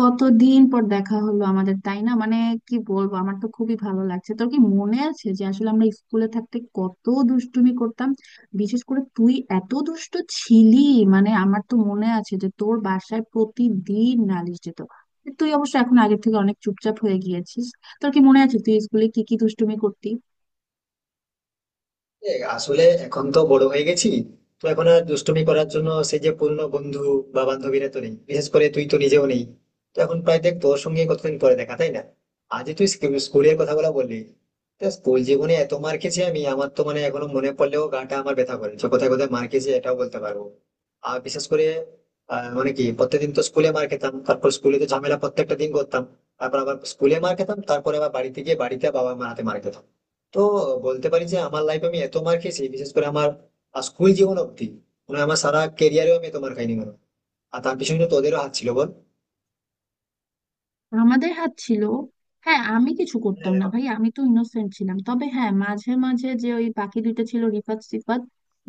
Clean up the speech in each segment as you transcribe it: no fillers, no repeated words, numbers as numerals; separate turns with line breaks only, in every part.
কতদিন পর দেখা হলো আমাদের, তাই না? মানে কি বলবো, আমার তো খুবই ভালো লাগছে। তোর কি মনে আছে যে আসলে আমরা স্কুলে থাকতে কত দুষ্টুমি করতাম? বিশেষ করে তুই এত দুষ্ট ছিলি। মানে আমার তো মনে আছে যে তোর বাসায় প্রতিদিন নালিশ যেত। তুই অবশ্য এখন আগের থেকে অনেক চুপচাপ হয়ে গিয়েছিস। তোর কি মনে আছে তুই স্কুলে কি কি দুষ্টুমি করতি?
আসলে এখন তো বড় হয়ে গেছি তো এখন আর দুষ্টুমি করার জন্য সেই যে পুরনো বন্ধু বা বান্ধবীরা তো নেই, বিশেষ করে তুই তো নিজেও নেই। তো এখন প্রায় দেখ, তোর সঙ্গে কতদিন পরে দেখা, তাই না? আজ তুই স্কুলের কথা বলা বললি। তা স্কুল জীবনে এত মার খেয়েছি আমি, আমার তো মানে এখনো মনে পড়লেও গাটা আমার ব্যথা করে, যে কোথায় কোথায় মার খেয়েছি এটাও বলতে পারবো। আর বিশেষ করে মানে কি প্রত্যেকদিন তো স্কুলে মার খেতাম, তারপর স্কুলে তো ঝামেলা প্রত্যেকটা দিন করতাম, তারপর আবার স্কুলে মার খেতাম, তারপরে আবার বাড়িতে গিয়ে বাড়িতে বাবা মার হাতে মার খেতাম। তো বলতে পারি যে আমার লাইফে আমি এত মার খেয়েছি, বিশেষ করে আমার স্কুল জীবন অব্দি, মানে আমার সারা ক্যারিয়ারেও আমি এত মার খাইনি মনে হয়। আর তার পিছনে তো তোদেরও হাত ছিল, বল।
আমাদের হাত ছিল। হ্যাঁ, আমি কিছু করতাম
হ্যাঁ।
না ভাই, আমি তো ইনোসেন্ট ছিলাম। তবে হ্যাঁ, মাঝে মাঝে যে ওই বাকি দুইটা ছিল, রিফাত সিফাত,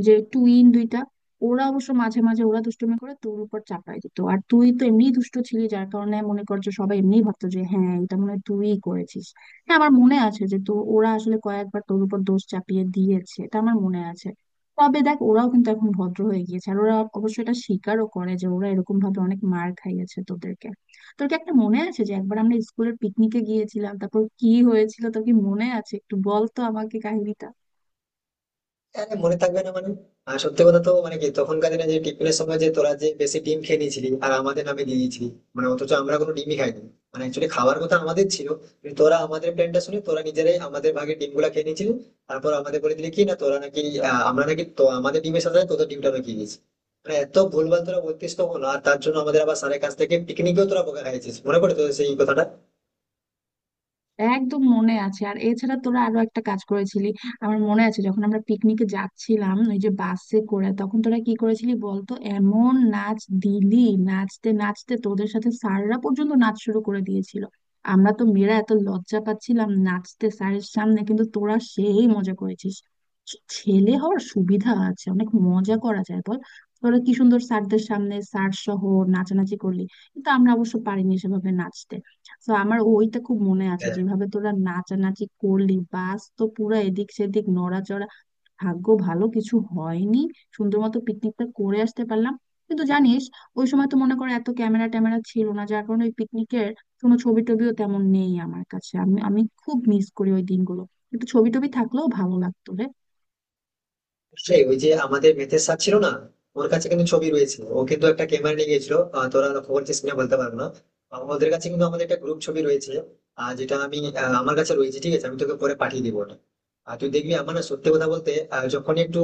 যে টুইন দুইটা, ওরা অবশ্য মাঝে মাঝে ওরা দুষ্টুমি করে তোর উপর চাপায় দিত। আর তুই তো এমনি দুষ্ট ছিলি, যার কারণে মনে কর যে সবাই এমনি ভাবতো যে হ্যাঁ, এটা মনে হয় তুই করেছিস। হ্যাঁ, আমার মনে আছে যে তো ওরা আসলে কয়েকবার তোর উপর দোষ চাপিয়ে দিয়েছে, এটা আমার মনে আছে। তবে দেখ, ওরাও কিন্তু এখন ভদ্র হয়ে গিয়েছে, আর ওরা অবশ্য এটা স্বীকারও করে যে ওরা এরকম ভাবে অনেক মার খাইয়েছে তোদেরকে। তোর কি একটা মনে আছে যে একবার আমরা স্কুলের পিকনিকে গিয়েছিলাম, তারপর কি হয়েছিল? তোর কি মনে আছে? একটু বল তো আমাকে কাহিনীটা।
আরে মনে থাকবে না মানে? সত্যি কথা তো মানে কি, তখনকার দিনে যে টিফিনের সময় যে তোরা যে বেশি ডিম খেয়ে নিয়েছিলি আর আমাদের নামে দিয়ে দিয়েছিলি। মানে অথচ আমরা কোনো ডিমই খাইনি, মানে অ্যাকচুয়ালি খাওয়ার কথা আমাদের ছিল, কিন্তু তোরা আমাদের প্ল্যানটা শুনে তোরা নিজেরাই আমাদের ভাগে ডিম গুলা খেয়ে নিয়েছিলি। তারপর আমাদের বলে দিলি কি না তোরা নাকি, আমরা নাকি তো আমাদের ডিমের সাথে তোদের ডিমটা রেখে দিয়েছি। মানে এত ভুলভাল তোরা বলতিস তখন, আর তার জন্য আমাদের আবার স্যারের কাছ থেকে পিকনিকেও তোরা বোকা খাইছিস, মনে পড়ে তোদের সেই কথাটা?
একদম মনে আছে। আর এছাড়া তোরা আরো একটা কাজ করেছিলি, আমার মনে আছে। যখন আমরা পিকনিকে যাচ্ছিলাম ওই যে বাসে করে, তখন তোরা কি করেছিলি বলতো, এমন নাচ দিলি, নাচতে নাচতে তোদের সাথে স্যাররা পর্যন্ত নাচ শুরু করে দিয়েছিল। আমরা তো মেয়েরা এত লজ্জা পাচ্ছিলাম নাচতে স্যারের সামনে, কিন্তু তোরা সেই মজা করেছিস। ছেলে হওয়ার সুবিধা আছে, অনেক মজা করা যায়, বল। তোরা কি সুন্দর স্যারদের সামনে স্যার সহ নাচানাচি করলি, কিন্তু আমরা অবশ্য পারিনি সেভাবে নাচতে। তো আমার ওইটা খুব মনে আছে,
হ্যাঁ,
যেভাবে তোরা নাচানাচি করলি, বাস তো পুরো এদিক সেদিক নড়াচড়া। ভাগ্য ভালো কিছু হয়নি, সুন্দর মতো পিকনিকটা করে আসতে পারলাম। কিন্তু জানিস, ওই সময় তো মনে করে এত ক্যামেরা ট্যামেরা ছিল না, যার কারণে ওই পিকনিকের কোনো ছবি টবিও তেমন নেই আমার কাছে। আমি আমি খুব মিস করি ওই দিনগুলো। একটু ছবি টবি থাকলেও ভালো লাগতো রে।
সেই ওই যে আমাদের মেথের স্যার ছিল না, ওর কাছে কিন্তু ছবি রয়েছে। ও কিন্তু একটা ক্যামেরা নিয়ে গেছিল, তোরা লক্ষ্য করছিস কিনা বলতে পারবো না। ওদের কাছে কিন্তু আমাদের একটা গ্রুপ ছবি রয়েছে, আর যেটা আমি আমার কাছে রয়েছে, ঠিক আছে, আমি তোকে পরে পাঠিয়ে দিবো ওটা। আর তুই দেখবি আমার না সত্যি কথা বলতে যখনই একটু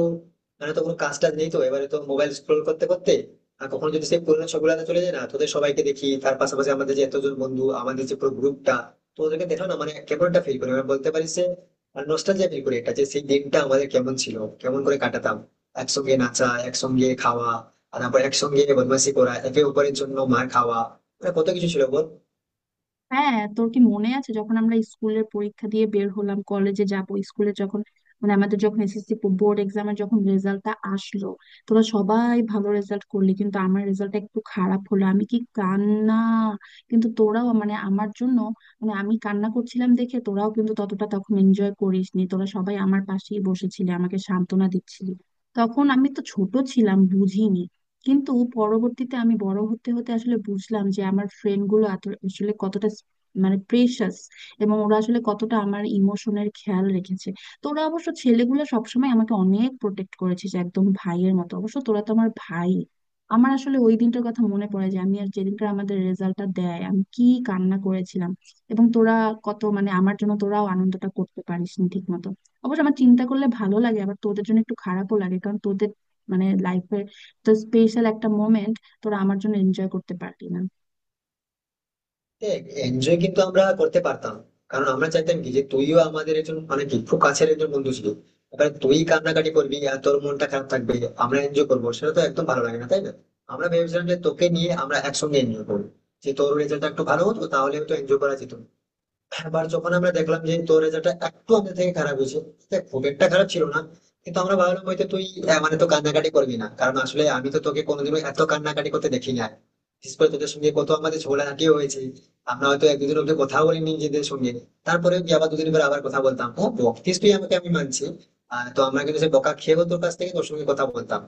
মানে তো কোনো কাজ টাজ নেই, তো এবারে তো মোবাইল স্ক্রোল করতে করতে আর কখনো যদি সেই পুরোনো ছবিগুলোতে চলে যায় না, তোদের সবাইকে দেখি, তার পাশাপাশি আমাদের যে এতজন বন্ধু, আমাদের যে পুরো গ্রুপটা, তো ওদেরকে দেখো না, মানে কেমন একটা ফিল করে, মানে বলতে পারিস যে আর নস্টালজিয়া ফিল করি একটা, যে সেই দিনটা আমাদের কেমন ছিল, কেমন করে কাটাতাম, একসঙ্গে নাচা, একসঙ্গে খাওয়া, আর তারপর একসঙ্গে বদমাশি করা, একে অপরের জন্য মার খাওয়া, মানে কত কিছু ছিল, বল।
হ্যাঁ, তোর কি মনে আছে যখন আমরা স্কুলের পরীক্ষা দিয়ে বের হলাম, কলেজে যাব, স্কুলে যখন, মানে আমাদের যখন এসএসসি বোর্ড এক্সামের যখন রেজাল্টটা আসলো, তোরা সবাই ভালো রেজাল্ট করলি কিন্তু আমার রেজাল্টটা একটু খারাপ হলো, আমি কি কান্না! কিন্তু তোরাও মানে আমার জন্য, মানে আমি কান্না করছিলাম দেখে তোরাও কিন্তু ততটা তখন এনজয় করিসনি, তোরা সবাই আমার পাশেই বসেছিলি আমাকে সান্ত্বনা দিচ্ছিলি। তখন আমি তো ছোট ছিলাম, বুঝিনি। কিন্তু পরবর্তীতে আমি বড় হতে হতে আসলে বুঝলাম যে আমার ফ্রেন্ড গুলো আসলে কতটা মানে প্রেশাস, এবং ওরা আসলে কতটা আমার ইমোশনের খেয়াল রেখেছে। তো ওরা অবশ্য ছেলেগুলো সবসময় আমাকে অনেক প্রোটেক্ট করেছে, যে একদম ভাইয়ের মতো, অবশ্য তোরা তো আমার ভাই। আমার আসলে ওই দিনটার কথা মনে পড়ে যে আমি আর যেদিনকার আমাদের রেজাল্টটা দেয়, আমি কি কান্না করেছিলাম! এবং তোরা কত মানে আমার জন্য তোরাও আনন্দটা করতে পারিসনি ঠিক মতো। অবশ্য আমার চিন্তা করলে ভালো লাগে, আবার তোদের জন্য একটু খারাপও লাগে, কারণ তোদের মানে লাইফের তো স্পেশাল একটা মোমেন্ট তোরা আমার জন্য এনজয় করতে পারলি না।
এনজয় কিন্তু আমরা করতে পারতাম, কারণ আমরা চাইতাম কি, যে তুইও আমাদের একজন মানে কি খুব কাছের একজন বন্ধু ছিল। এবার তুই কান্নাকাটি করবি আর তোর মনটা খারাপ থাকবে, আমরা এনজয় করবো, সেটা তো একদম ভালো লাগে না, তাই না? আমরা ভেবেছিলাম যে তোকে নিয়ে আমরা একসঙ্গে এনজয় করবো, যে তোর রেজাল্টটা একটু ভালো হতো তাহলে তো এনজয় করা যেত। এবার যখন আমরা দেখলাম যে তোর রেজাল্টটা একটু আমাদের থেকে খারাপ হয়েছে, দেখ, খুব একটা খারাপ ছিল না, কিন্তু আমরা ভাবলাম হয়তো তুই মানে তো কান্নাকাটি করবি না, কারণ আসলে আমি তো তোকে কোনোদিনও এত কান্নাকাটি করতে দেখি না। বিশেষ করে তোদের সঙ্গে কত আমাদের ঝগড়াঝাটিও হয়েছে, আমরা হয়তো এক দুদিন অব্দি কথা বলিনি নিজেদের সঙ্গে, তারপরে কি আবার দুদিন পরে আবার কথা বলতাম, হ্যাঁ বকিস তুই আমাকে আমি মানছি। তো আমরা কিন্তু সে বকা খেয়েও তোর কাছ থেকে তোর সঙ্গে কথা বলতাম।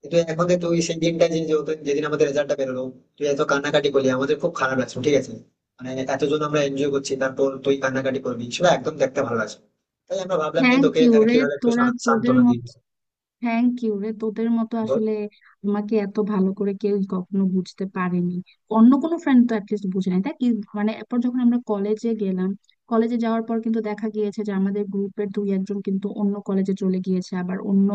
কিন্তু এখন দেখ, তুই সেই দিনটা, যে যে- যেদিন আমাদের রেজাল্টটা বেরোলো, তুই এত কান্নাকাটি করলি, আমাদের খুব খারাপ লাগছে, ঠিক আছে। মানে এতজন আমরা এনজয় করছি, তারপর তুই কান্নাকাটি করবি, সেটা একদম দেখতে ভালো লাগছে না। তাই আমরা ভাবলাম যে
থ্যাংক
তোকে
ইউ রে,
কিভাবে একটু
তোরা তোদের
সান্ত্বনা দিই।
মতো, থ্যাংক ইউ রে, তোদের মতো
বল।
আসলে আমাকে এত ভালো করে কেউ কখনো বুঝতে পারেনি। অন্য কোনো ফ্রেন্ড তো অ্যাটলিস্ট বুঝে নাই, তাই কি? মানে এরপর যখন আমরা কলেজে গেলাম, কলেজে যাওয়ার পর কিন্তু দেখা গিয়েছে যে আমাদের গ্রুপের দুই একজন কিন্তু অন্য কলেজে চলে গিয়েছে, আবার অন্য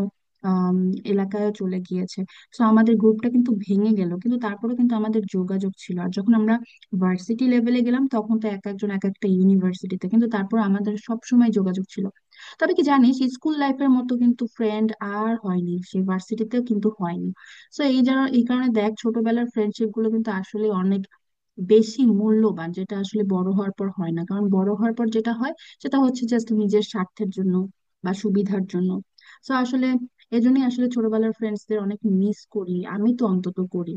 আম, এলাকায়ও চলে গিয়েছে। তো আমাদের গ্রুপটা কিন্তু ভেঙে গেল, কিন্তু তারপরেও কিন্তু আমাদের যোগাযোগ ছিল। আর যখন আমরা ভার্সিটি লেভেলে গেলাম, তখন তো এক একজন এক একটা ইউনিভার্সিটিতে, কিন্তু তারপর আমাদের সব সময় যোগাযোগ ছিল। তবে কি জানিস, স্কুল লাইফের মতো কিন্তু ফ্রেন্ড আর হয়নি, সে ভার্সিটিতেও কিন্তু হয়নি। তো এই কারণে দেখ, ছোটবেলার ফ্রেন্ডশিপ গুলো কিন্তু আসলে অনেক বেশি মূল্যবান, যেটা আসলে বড় হওয়ার পর হয় না, কারণ বড় হওয়ার পর যেটা হয় সেটা হচ্ছে জাস্ট নিজের স্বার্থের জন্য বা সুবিধার জন্য। তো আসলে এজন্যই আসলে ছোটবেলার ফ্রেন্ডসদের অনেক মিস করি, আমি তো অন্তত করি।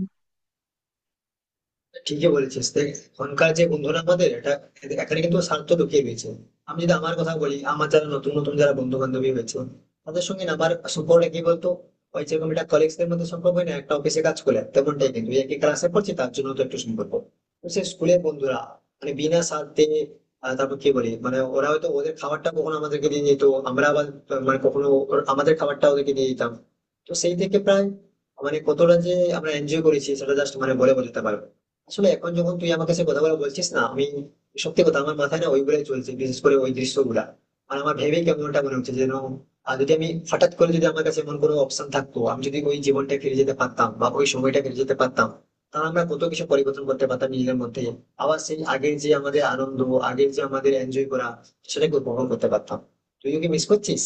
ঠিকই বলেছিস দেখ, এখনকার যে বন্ধুরা আমাদের, এটা এখানে কিন্তু স্বার্থ ঢুকিয়ে দিয়েছে। আমি যদি আমার কথা বলি, আমার যারা নতুন নতুন যারা বন্ধু বান্ধবী হয়েছে, তাদের সঙ্গে না আমার সম্পর্কটা কি বলতো, ওই যেরকম একটা কলিগসদের মধ্যে সম্পর্ক হয় না একটা অফিসে কাজ করলে, তেমনটাই। কিন্তু এই একই ক্লাসে পড়ছি তার জন্য তো একটু সম্পর্ক। তো সে স্কুলের বন্ধুরা মানে বিনা স্বার্থে, তারপর কি বলি মানে, ওরা হয়তো ওদের খাবারটা কখনো আমাদেরকে দিয়ে যেত, আমরা আবার মানে কখনো আমাদের খাবারটা ওদেরকে দিয়ে দিতাম। তো সেই থেকে প্রায় মানে কতটা যে আমরা এনজয় করেছি সেটা জাস্ট মানে বলে বোঝাতে পারবো না। আসলে এখন যখন তুই আমার কাছে কথাগুলো বলছিস না, আমি সত্যি কথা আমার মাথায় না ওইগুলাই চলছে, বিশেষ করে ওই দৃশ্যগুলা, আর আমার ভেবেই কেমনটা মনে হচ্ছে যেন। আর যদি আমি হঠাৎ করে যদি আমার কাছে এমন কোনো অপশন থাকতো, আমি যদি ওই জীবনটা ফিরে যেতে পারতাম বা ওই সময়টা ফিরে যেতে পারতাম, তাহলে আমরা কত কিছু পরিবর্তন করতে পারতাম নিজেদের মধ্যে। আবার সেই আগের যে আমাদের আনন্দ, আগের যে আমাদের এনজয় করা, সেটাকে উপভোগ করতে পারতাম। তুইও কি মিস করছিস?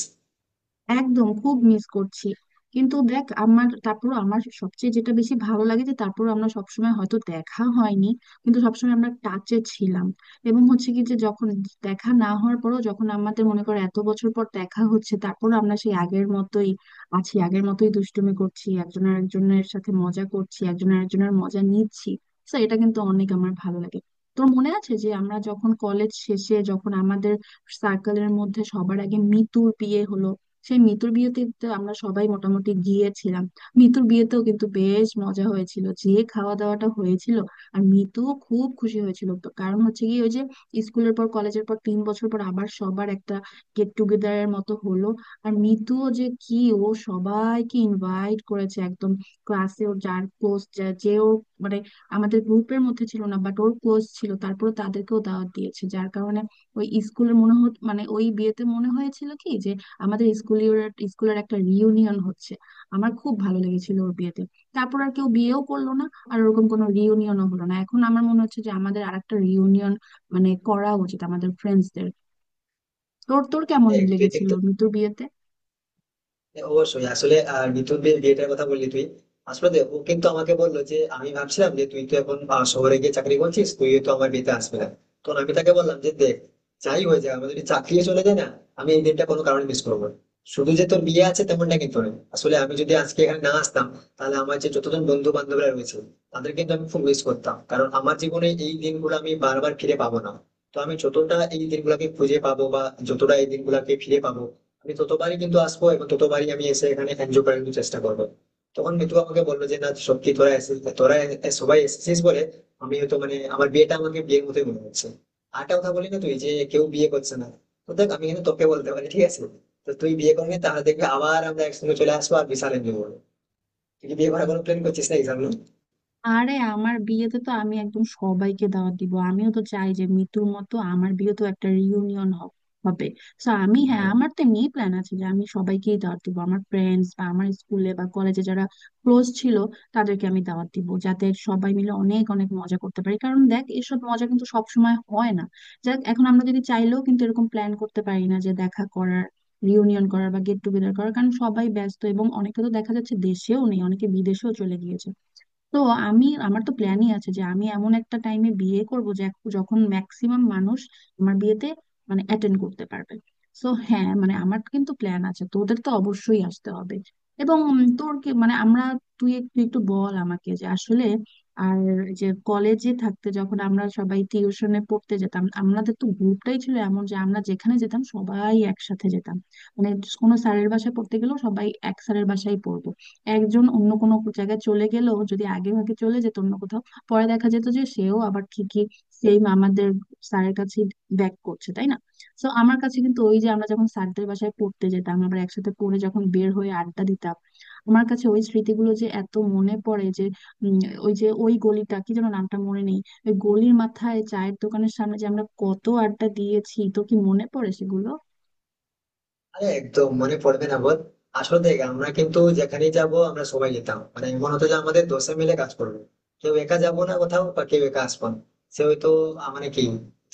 একদম, খুব মিস করছি। কিন্তু দেখ, আমার তারপর আমার সবচেয়ে যেটা বেশি ভালো লাগে যে তারপর আমরা সবসময় হয়তো দেখা হয়নি, কিন্তু সবসময় আমরা টাচে ছিলাম। এবং হচ্ছে কি যে যখন দেখা না হওয়ার পরও যখন আমাদের মনে করো এত বছর পর দেখা হচ্ছে, তারপর আমরা সেই আগের মতোই আছি, আগের মতোই দুষ্টুমি করছি একজন আরেকজনের সাথে, মজা করছি, একজন আরেকজনের মজা নিচ্ছি। তো এটা কিন্তু অনেক আমার ভালো লাগে। তোর মনে আছে যে আমরা যখন কলেজ শেষে, যখন আমাদের সার্কেলের মধ্যে সবার আগে মিতুর বিয়ে হলো, সেই মিতুর বিয়েতে তো আমরা সবাই মোটামুটি গিয়েছিলাম। মিতুর বিয়েতেও কিন্তু বেশ মজা হয়েছিল, যে খাওয়া দাওয়াটা হয়েছিল আর মিতু খুব খুশি হয়েছিল। তো কারণ হচ্ছে কি, ওই যে স্কুলের পর কলেজের পর তিন বছর পর আবার সবার একটা গেট টুগেদারের মতো হলো। আর মিতুও যে কি, ও সবাইকে ইনভাইট করেছে একদম, ক্লাসে ওর যার ক্লোজ, যে ওর মানে আমাদের গ্রুপের মধ্যে ছিল না বাট ওর ক্লোজ ছিল, তারপরে তাদেরকেও দাওয়াত দিয়েছে, যার কারণে ওই স্কুলের মানে ওই বিয়েতে মনে হয়েছিল কি যে আমাদের স্কুলের, স্কুলের একটা রিইউনিয়ন হচ্ছে। আমার খুব ভালো লেগেছিল ওর বিয়েতে। তারপর আর কেউ বিয়েও করলো না, আর ওরকম কোনো রিইউনিয়নও হলো না। এখন আমার মনে হচ্ছে যে আমাদের আরেকটা রিইউনিয়ন মানে করা উচিত, আমাদের ফ্রেন্ডসদের। তোর তোর কেমন
দেখ তুই
লেগেছিল
কিন্তু,
মিতুর বিয়েতে?
হ্যাঁ, অবশ্যই আসলে নিতুর বিয়েটার কথা বললি তুই। আসলে দেখ, ও কিন্তু আমাকে বললো যে আমি ভাবছিলাম যে তুই তো এখন শহরে গিয়ে চাকরি করছিস, তুই তো আমার বিয়েতে আসবে না। তো আমি তাকে বললাম যে দেখ, যাই হয়ে যায়, আমাদের যদি চাকরিও চলে যায় না, আমি এই দিনটা কোনো কারণে মিস করবো না। শুধু যে তোর বিয়ে আছে তেমনটা কিন্তু নয়, আসলে আমি যদি আজকে এখানে না আসতাম, তাহলে আমার যে যতজন বন্ধু বান্ধবরা রয়েছে, তাদের কিন্তু আমি খুব মিস করতাম, কারণ আমার জীবনে এই দিনগুলো আমি বারবার ফিরে পাবো না। তো আমি যতটা এই দিনগুলোকে খুঁজে পাবো বা যতটা এই দিনগুলোকে ফিরে পাবো, আমি ততবারই কিন্তু আসবো এবং ততবারই আমি এসে এখানে এনজয় করার কিন্তু চেষ্টা করবো। তখন মিতু আমাকে বললো যে না সত্যি তোরা এসেছিস, তোরা সবাই এসেছিস বলে আমি হয়তো মানে আমার বিয়েটা আমাকে বিয়ের মতোই মনে হচ্ছে। আরেকটা কথা বলি না, তুই যে কেউ বিয়ে করছে না, তো দেখ আমি কিন্তু তোকে বলতে পারি, ঠিক আছে, তো তুই বিয়ে করবি তাহলে দেখবি আবার আমরা একসঙ্গে চলে আসবো আর বিশাল এনজয় করবো। তুই কি বিয়ে করার কোনো প্ল্যান করছিস না এই সামনে?
আরে আমার বিয়েতে তো আমি একদম সবাইকে দাওয়াত দিব, আমিও তো চাই যে মিতুর মতো আমার বিয়েতেও একটা রিউনিয়ন হবে। তো আমি হ্যাঁ, আমার তো এমনি প্ল্যান আছে যে আমি সবাইকেই দাওয়াত দিব, আমার ফ্রেন্ডস বা আমার স্কুলে বা কলেজে যারা ক্লোজ ছিল তাদেরকে আমি দাওয়াত দিব, যাতে সবাই মিলে অনেক অনেক মজা করতে পারি। কারণ দেখ, এসব মজা কিন্তু সব সময় হয় না। যাক, এখন আমরা যদি চাইলেও কিন্তু এরকম প্ল্যান করতে পারি না, যে দেখা করার, রিউনিয়ন করার বা গেট টুগেদার করার, কারণ সবাই ব্যস্ত এবং অনেকে তো দেখা যাচ্ছে দেশেও নেই, অনেকে বিদেশেও চলে গিয়েছে। তো আমি, আমার তো প্ল্যানই আছে যে আমি এমন একটা টাইমে বিয়ে করব যে যখন ম্যাক্সিমাম মানুষ আমার বিয়েতে মানে অ্যাটেন্ড করতে পারবে। সো হ্যাঁ, মানে আমার কিন্তু প্ল্যান আছে, তোদের তো অবশ্যই আসতে হবে। এবং তোর কি মানে আমরা, তুই একটু একটু বল আমাকে যে আসলে আর যে কলেজে থাকতে যখন আমরা সবাই টিউশনে পড়তে যেতাম, আমাদের তো গ্রুপটাই ছিল এমন যে আমরা যেখানে যেতাম সবাই একসাথে যেতাম। মানে কোনো স্যারের বাসায় পড়তে গেলেও সবাই এক স্যারের বাসায় পড়বে, একজন অন্য কোনো জায়গায় চলে গেলেও, যদি আগে ভাগে চলে যেত অন্য কোথাও, পরে দেখা যেত যে সেও আবার ঠিকই সেম আমাদের স্যারের কাছে ব্যাক করছে, তাই না? তো আমার কাছে কিন্তু ওই যে আমরা যখন স্যারদের বাসায় পড়তে যেতাম, আবার একসাথে পড়ে যখন বের হয়ে আড্ডা দিতাম, আমার কাছে ওই স্মৃতিগুলো যে এত মনে পড়ে যে উম, ওই যে ওই গলিটা কি যেন, নামটা মনে নেই, ওই গলির মাথায় চায়ের দোকানের সামনে যে আমরা কত আড্ডা দিয়েছি, তো কি মনে পড়ে সেগুলো?
আরে একদম মনে পড়বে না বল। আসলে দেখ, আমরা কিন্তু যেখানেই যাব আমরা সবাই যেতাম, মানে এমন হতো যে আমাদের দশে মিলে কাজ করবো, কেউ একা যাবো না কোথাও বা কেউ একা আসবো না। সে হয়তো মানে কি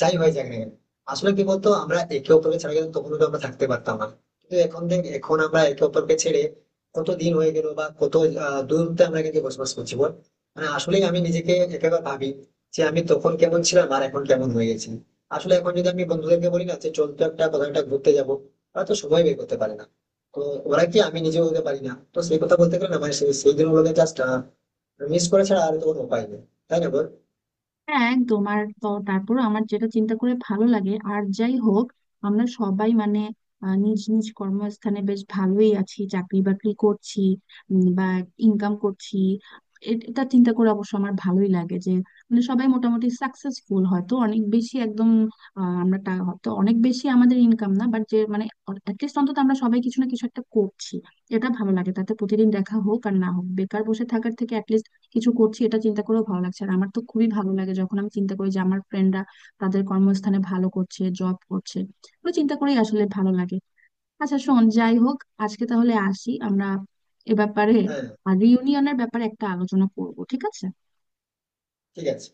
যাই হয়ে যাক না কেন। আসলে কি বলতো, আমরা একে অপরকে ছাড়া কিন্তু তখন তো আমরা থাকতে পারতাম না। কিন্তু এখন দেখ, এখন আমরা একে অপরকে ছেড়ে কত দিন হয়ে গেল বা কত দূরত্বে আমরা কিন্তু বসবাস করছি, বল। মানে আসলেই আমি নিজেকে একেবারে ভাবি, যে আমি তখন কেমন ছিলাম আর এখন কেমন হয়ে গেছি। আসলে এখন যদি আমি বন্ধুদেরকে বলি না যে চল তো একটা কোথাও একটা ঘুরতে যাবো, হয়তো সময় বের করতে পারে না। তো ওরা কি, আমি নিজেও হতে পারি না, তো সেই কথা বলতে গেলে না মানে সেই সেই দিন ওদের জাস্ট মিস করে ছাড়া আর তো কোনো উপায় নেই, তাই না বল।
হ্যাঁ, একদম। আর তো তারপর আমার যেটা চিন্তা করে ভালো লাগে, আর যাই হোক, আমরা সবাই মানে নিজ নিজ কর্মস্থানে বেশ ভালোই আছি, চাকরি বাকরি করছি, বা ইনকাম করছি। এটা চিন্তা করে অবশ্য আমার ভালোই লাগে যে মানে সবাই মোটামুটি সাকসেসফুল, হয়তো অনেক বেশি একদম আমরা হয়তো অনেক বেশি আমাদের ইনকাম না, বাট যে মানে অ্যাটলিস্ট অন্তত আমরা সবাই কিছু না কিছু একটা করছি, এটা ভালো লাগে। তাতে প্রতিদিন দেখা হোক আর না হোক, বেকার বসে থাকার থেকে কিছু করছি এটা চিন্তা করেও ভালো লাগছে। আর আমার তো খুবই ভালো লাগে যখন আমি চিন্তা করি যে আমার ফ্রেন্ডরা তাদের কর্মস্থানে ভালো করছে, জব করছে, এগুলো চিন্তা করেই আসলে ভালো লাগে। আচ্ছা শোন, যাই হোক, আজকে তাহলে আসি আমরা এ ব্যাপারে,
হ্যাঁ,
আর রিউনিয়নের ব্যাপারে একটা আলোচনা করব, ঠিক আছে?
ঠিক আছে।